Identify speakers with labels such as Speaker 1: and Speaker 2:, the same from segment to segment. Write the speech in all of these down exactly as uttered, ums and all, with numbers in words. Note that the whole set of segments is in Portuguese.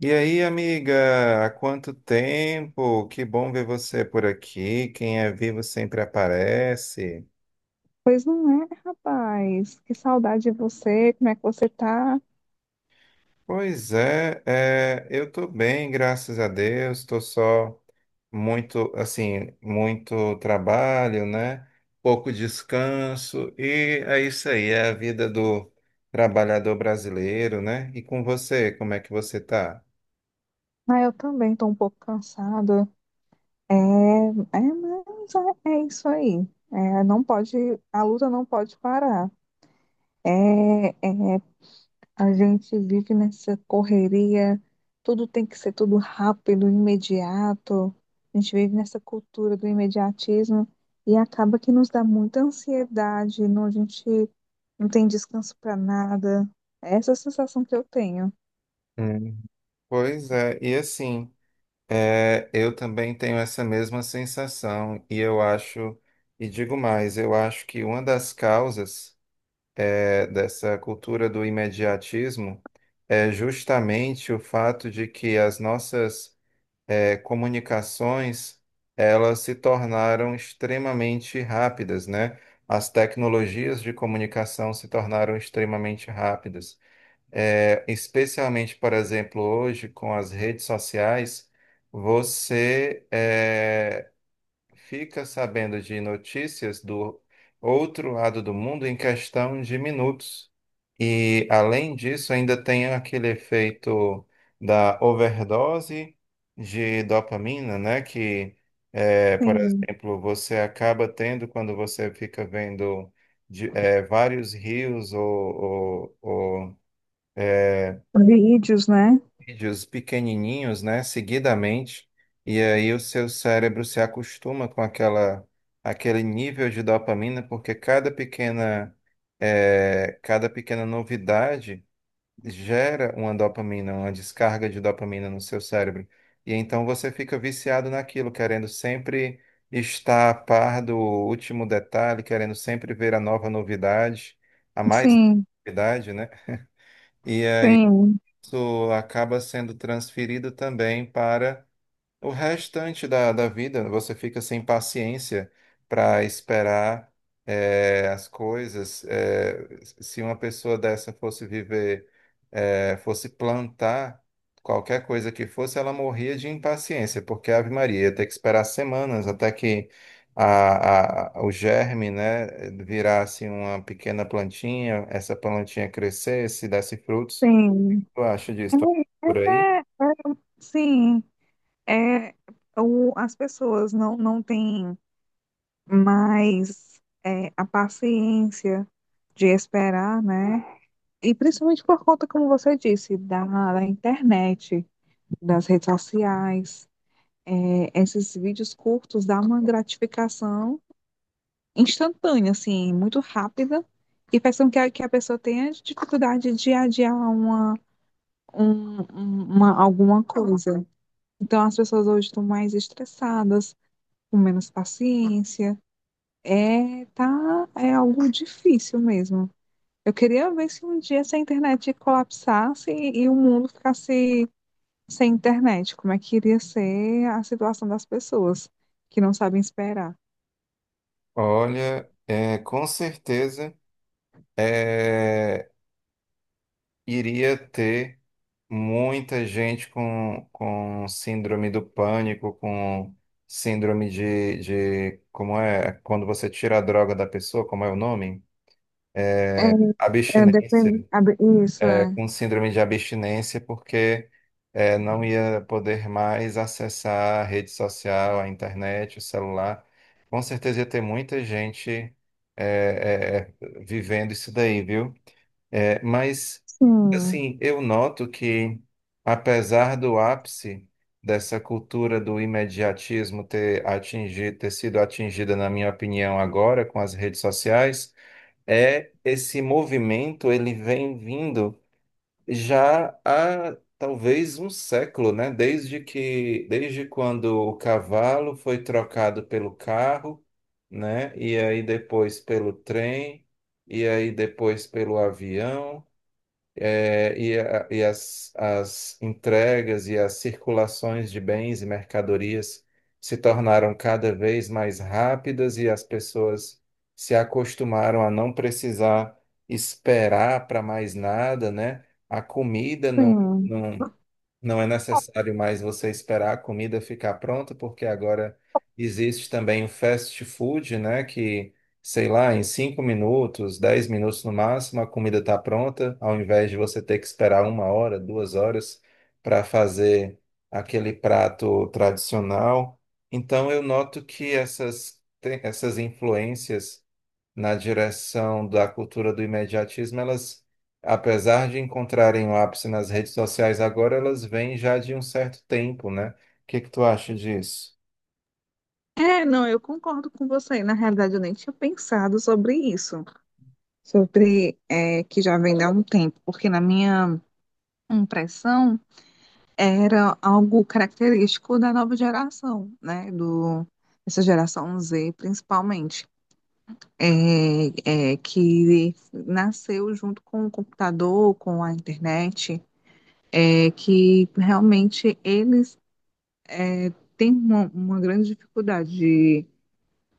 Speaker 1: E aí, amiga, há quanto tempo? Que bom ver você por aqui. Quem é vivo sempre aparece.
Speaker 2: Pois não é, rapaz. Que saudade de você. Como é que você tá?
Speaker 1: Pois é, é, eu tô bem, graças a Deus. Tô só muito, assim, muito trabalho, né? Pouco descanso. E é isso aí, é a vida do trabalhador brasileiro, né? E com você, como é que você tá?
Speaker 2: Ah, eu também tô um pouco cansada. É, é, mas é, é isso aí. É, não pode, a luta não pode parar. É, é A gente vive nessa correria, tudo tem que ser tudo rápido, imediato. A gente vive nessa cultura do imediatismo e acaba que nos dá muita ansiedade, não, a gente não tem descanso para nada. Essa é a sensação que eu tenho.
Speaker 1: Hum. Pois é, e assim. É, eu também tenho essa mesma sensação e eu acho, e digo mais, eu acho que uma das causas é, dessa cultura do imediatismo é justamente o fato de que as nossas é, comunicações elas se tornaram extremamente rápidas, né? As tecnologias de comunicação se tornaram extremamente rápidas. É, especialmente, por exemplo, hoje com as redes sociais, você é, fica sabendo de notícias do outro lado do mundo em questão de minutos. E, além disso, ainda tem aquele efeito da overdose de dopamina, né? Que, é, por
Speaker 2: Sim,
Speaker 1: exemplo, você acaba tendo quando você fica vendo de- é, vários rios ou, ou- ou
Speaker 2: vídeos, né?
Speaker 1: vídeos pequenininhos, né, seguidamente, e aí o seu cérebro se acostuma com aquela, aquele nível de dopamina, porque cada pequena, eh, cada pequena novidade gera uma dopamina, uma descarga de dopamina no seu cérebro. E então você fica viciado naquilo, querendo sempre estar a par do último detalhe, querendo sempre ver a nova novidade, a mais
Speaker 2: Sim,
Speaker 1: novidade, né? E
Speaker 2: sim,
Speaker 1: isso acaba sendo transferido também para o restante da, da vida. Você fica sem paciência para esperar eh, as coisas. Eh, se uma pessoa dessa fosse viver, eh, fosse plantar qualquer coisa que fosse, ela morria de impaciência, porque Ave Maria ia ter que esperar semanas até que a, a- o germe, né, virasse uma pequena plantinha, essa plantinha crescesse, desse frutos.
Speaker 2: sim.
Speaker 1: Tu acha disso? Tu acha
Speaker 2: É,
Speaker 1: por aí?
Speaker 2: é, é, é, sim, é, o, as pessoas não, não têm mais é, a paciência de esperar, né? E principalmente por conta, como você disse, da, da internet, das redes sociais, é, esses vídeos curtos dão uma gratificação instantânea, assim, muito rápida, que faz com que a, que a pessoa tenha dificuldade de adiar uma, um, um- uma, alguma coisa. Então, as pessoas hoje estão mais estressadas, com menos paciência. É, tá, é algo difícil mesmo. Eu queria ver se um dia essa internet colapsasse e, e o mundo ficasse sem internet. Como é que iria ser a situação das pessoas que não sabem esperar?
Speaker 1: Olha, é, com certeza é, iria ter muita gente com, com síndrome do pânico, com síndrome de, de. Como é? Quando você tira a droga da pessoa, como é o nome?
Speaker 2: É, é
Speaker 1: Abstinência.
Speaker 2: depende. abre- Isso é.
Speaker 1: Com síndrome de abstinência porque eh, não ia poder mais acessar a rede social, a internet, o celular. Com certeza ia ter muita gente eh, eh, eh, vivendo isso daí, viu? Eh, mas,
Speaker 2: Sim,
Speaker 1: assim, eu noto que, apesar do ápice dessa cultura do imediatismo ter atingido, ter sido atingida, na minha opinião, agora com as redes sociais, é esse movimento, ele vem vindo já há talvez um século, né? Desde que, desde quando o cavalo foi trocado pelo carro, né? E aí depois pelo trem, e aí depois pelo avião é, e, a- e as, as entregas e as circulações de bens e mercadorias se tornaram cada vez mais rápidas e as pessoas se acostumaram a não precisar esperar para mais nada, né? A comida não,
Speaker 2: sim.
Speaker 1: não, não é necessário mais você esperar a comida ficar pronta, porque agora existe também o fast food, né? Que, sei lá, em cinco minutos, dez minutos no máximo, a comida está pronta, ao invés de você ter que esperar uma hora, duas horas para fazer aquele prato tradicional. Então, eu noto que essas, te- essas influências na direção da cultura do imediatismo, elas, apesar de encontrarem o ápice nas redes sociais agora, elas vêm já de um certo tempo, né? O que que tu acha disso?
Speaker 2: É, não, eu concordo com você. Na realidade, eu nem tinha pensado sobre isso, sobre é, que já vem há um tempo, porque na minha impressão era algo característico da nova geração, né? Do, essa geração zê, principalmente, é, é, que nasceu junto com o computador, com a internet, é, que realmente eles é, têm uma, uma grande dificuldade de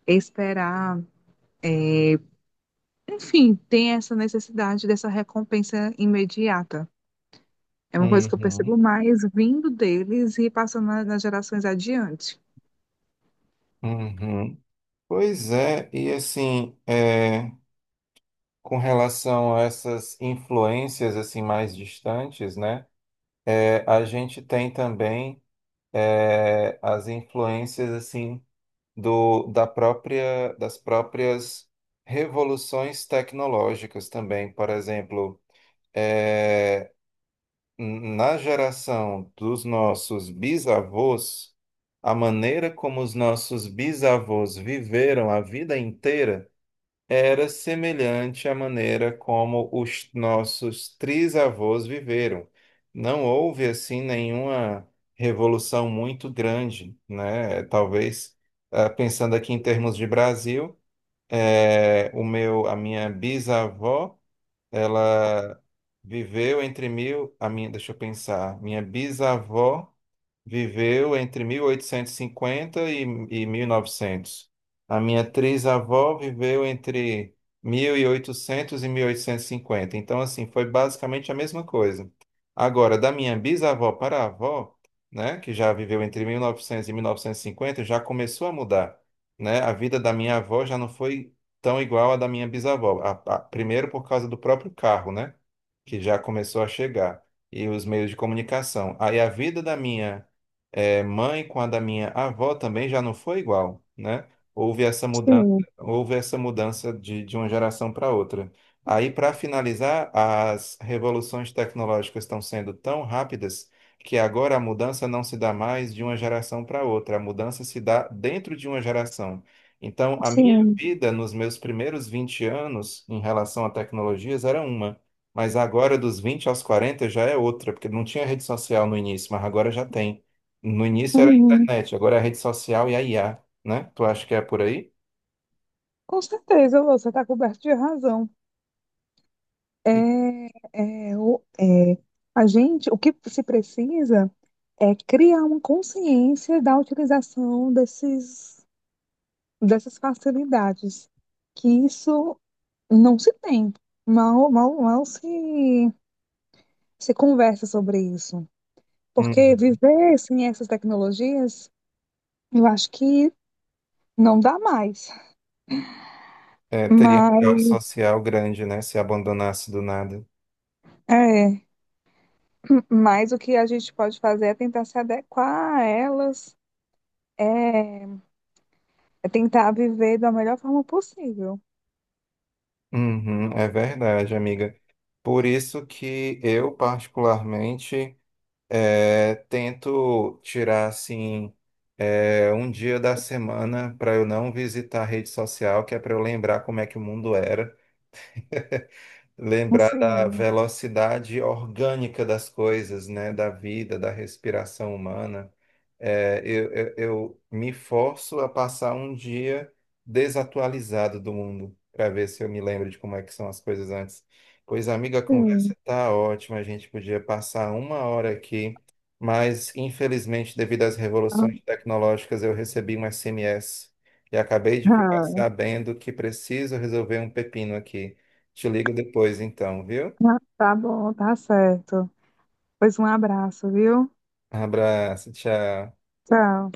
Speaker 2: esperar, enfim, tem essa necessidade dessa recompensa imediata. É uma coisa que eu percebo
Speaker 1: Uhum,
Speaker 2: mais vindo deles e passando na- nas gerações adiante.
Speaker 1: uhum. Pois é, e assim, é, com relação a essas influências assim mais distantes, né? É, a gente tem também é, as influências assim do, da própria, das próprias revoluções tecnológicas também. Por exemplo, eh, na geração dos nossos bisavós, a maneira como os nossos bisavós viveram a vida inteira era semelhante à maneira como os nossos trisavós viveram. Não houve, assim, nenhuma revolução muito grande, né? Talvez, ah, pensando aqui em termos de Brasil, eh, o meu, a minha bisavó, ela viveu entre mil, a minha, deixa eu pensar, minha bisavó viveu entre mil oitocentos e, cinquenta e e mil e novecentos. A minha trisavó viveu entre mil e oitocentos oitocentos e e mil oitocentos e cinquenta. Então, assim, foi basicamente a mesma coisa. Agora, da minha bisavó para a avó, né, que já viveu entre mil novecentos e novecentos e mil novecentos e cinquenta, já começou a mudar, né? A vida da minha avó já não foi tão igual à da minha bisavó. A- a- primeiro por causa do próprio carro, né, que já começou a chegar e os meios de comunicação. Aí a vida da minha é, mãe com a da minha avó também já não foi igual, né? Houve essa mudança,
Speaker 2: Sim,
Speaker 1: houve essa mudança de, de uma geração para outra. Aí, para finalizar, as revoluções tecnológicas estão sendo tão rápidas que agora a mudança não se dá mais de uma geração para outra, a mudança se dá dentro de uma geração. Então, a minha
Speaker 2: sim.
Speaker 1: vida nos meus primeiros vinte anos em relação a tecnologias era uma, mas agora dos vinte aos quarenta já é outra, porque não tinha rede social no início, mas agora já tem. No início era a
Speaker 2: Uhum.
Speaker 1: internet, agora é a rede social e a I A, né? Tu acha que é por aí?
Speaker 2: Com certeza, você está coberto de razão.
Speaker 1: E-
Speaker 2: É, é, o- é, a gente, o que se precisa é criar uma consciência da utilização desses, dessas facilidades, que isso não se tem, mal, mal, mal se, se conversa sobre isso. Porque
Speaker 1: Uhum.
Speaker 2: viver sem essas tecnologias, eu acho que não dá mais.
Speaker 1: É, teria um caos
Speaker 2: Mas,
Speaker 1: social grande, né? Se abandonasse do nada.
Speaker 2: é. Mas o que a gente pode fazer é tentar se adequar a elas, é, é tentar viver da melhor forma possível.
Speaker 1: Uhum, é verdade, amiga. Por isso que eu, particularmente, é, tento tirar, assim, é, um dia da semana para eu não visitar a rede social, que é para eu lembrar como é que o mundo era, lembrar da
Speaker 2: Assim,
Speaker 1: velocidade orgânica das coisas, né? Da vida, da respiração humana. É, eu, eu, eu me forço a passar um dia desatualizado do mundo, para ver se eu me lembro de como é que são as coisas antes. Pois, amiga, a conversa
Speaker 2: sim.
Speaker 1: tá ótima, a gente podia passar uma hora aqui, mas infelizmente, devido às
Speaker 2: Ah,
Speaker 1: revoluções tecnológicas, eu recebi um S M S e acabei de ficar sabendo que preciso resolver um pepino aqui. Te ligo depois, então, viu?
Speaker 2: ah, tá bom, tá certo. Pois um abraço, viu?
Speaker 1: Abraço, tchau.
Speaker 2: Tchau.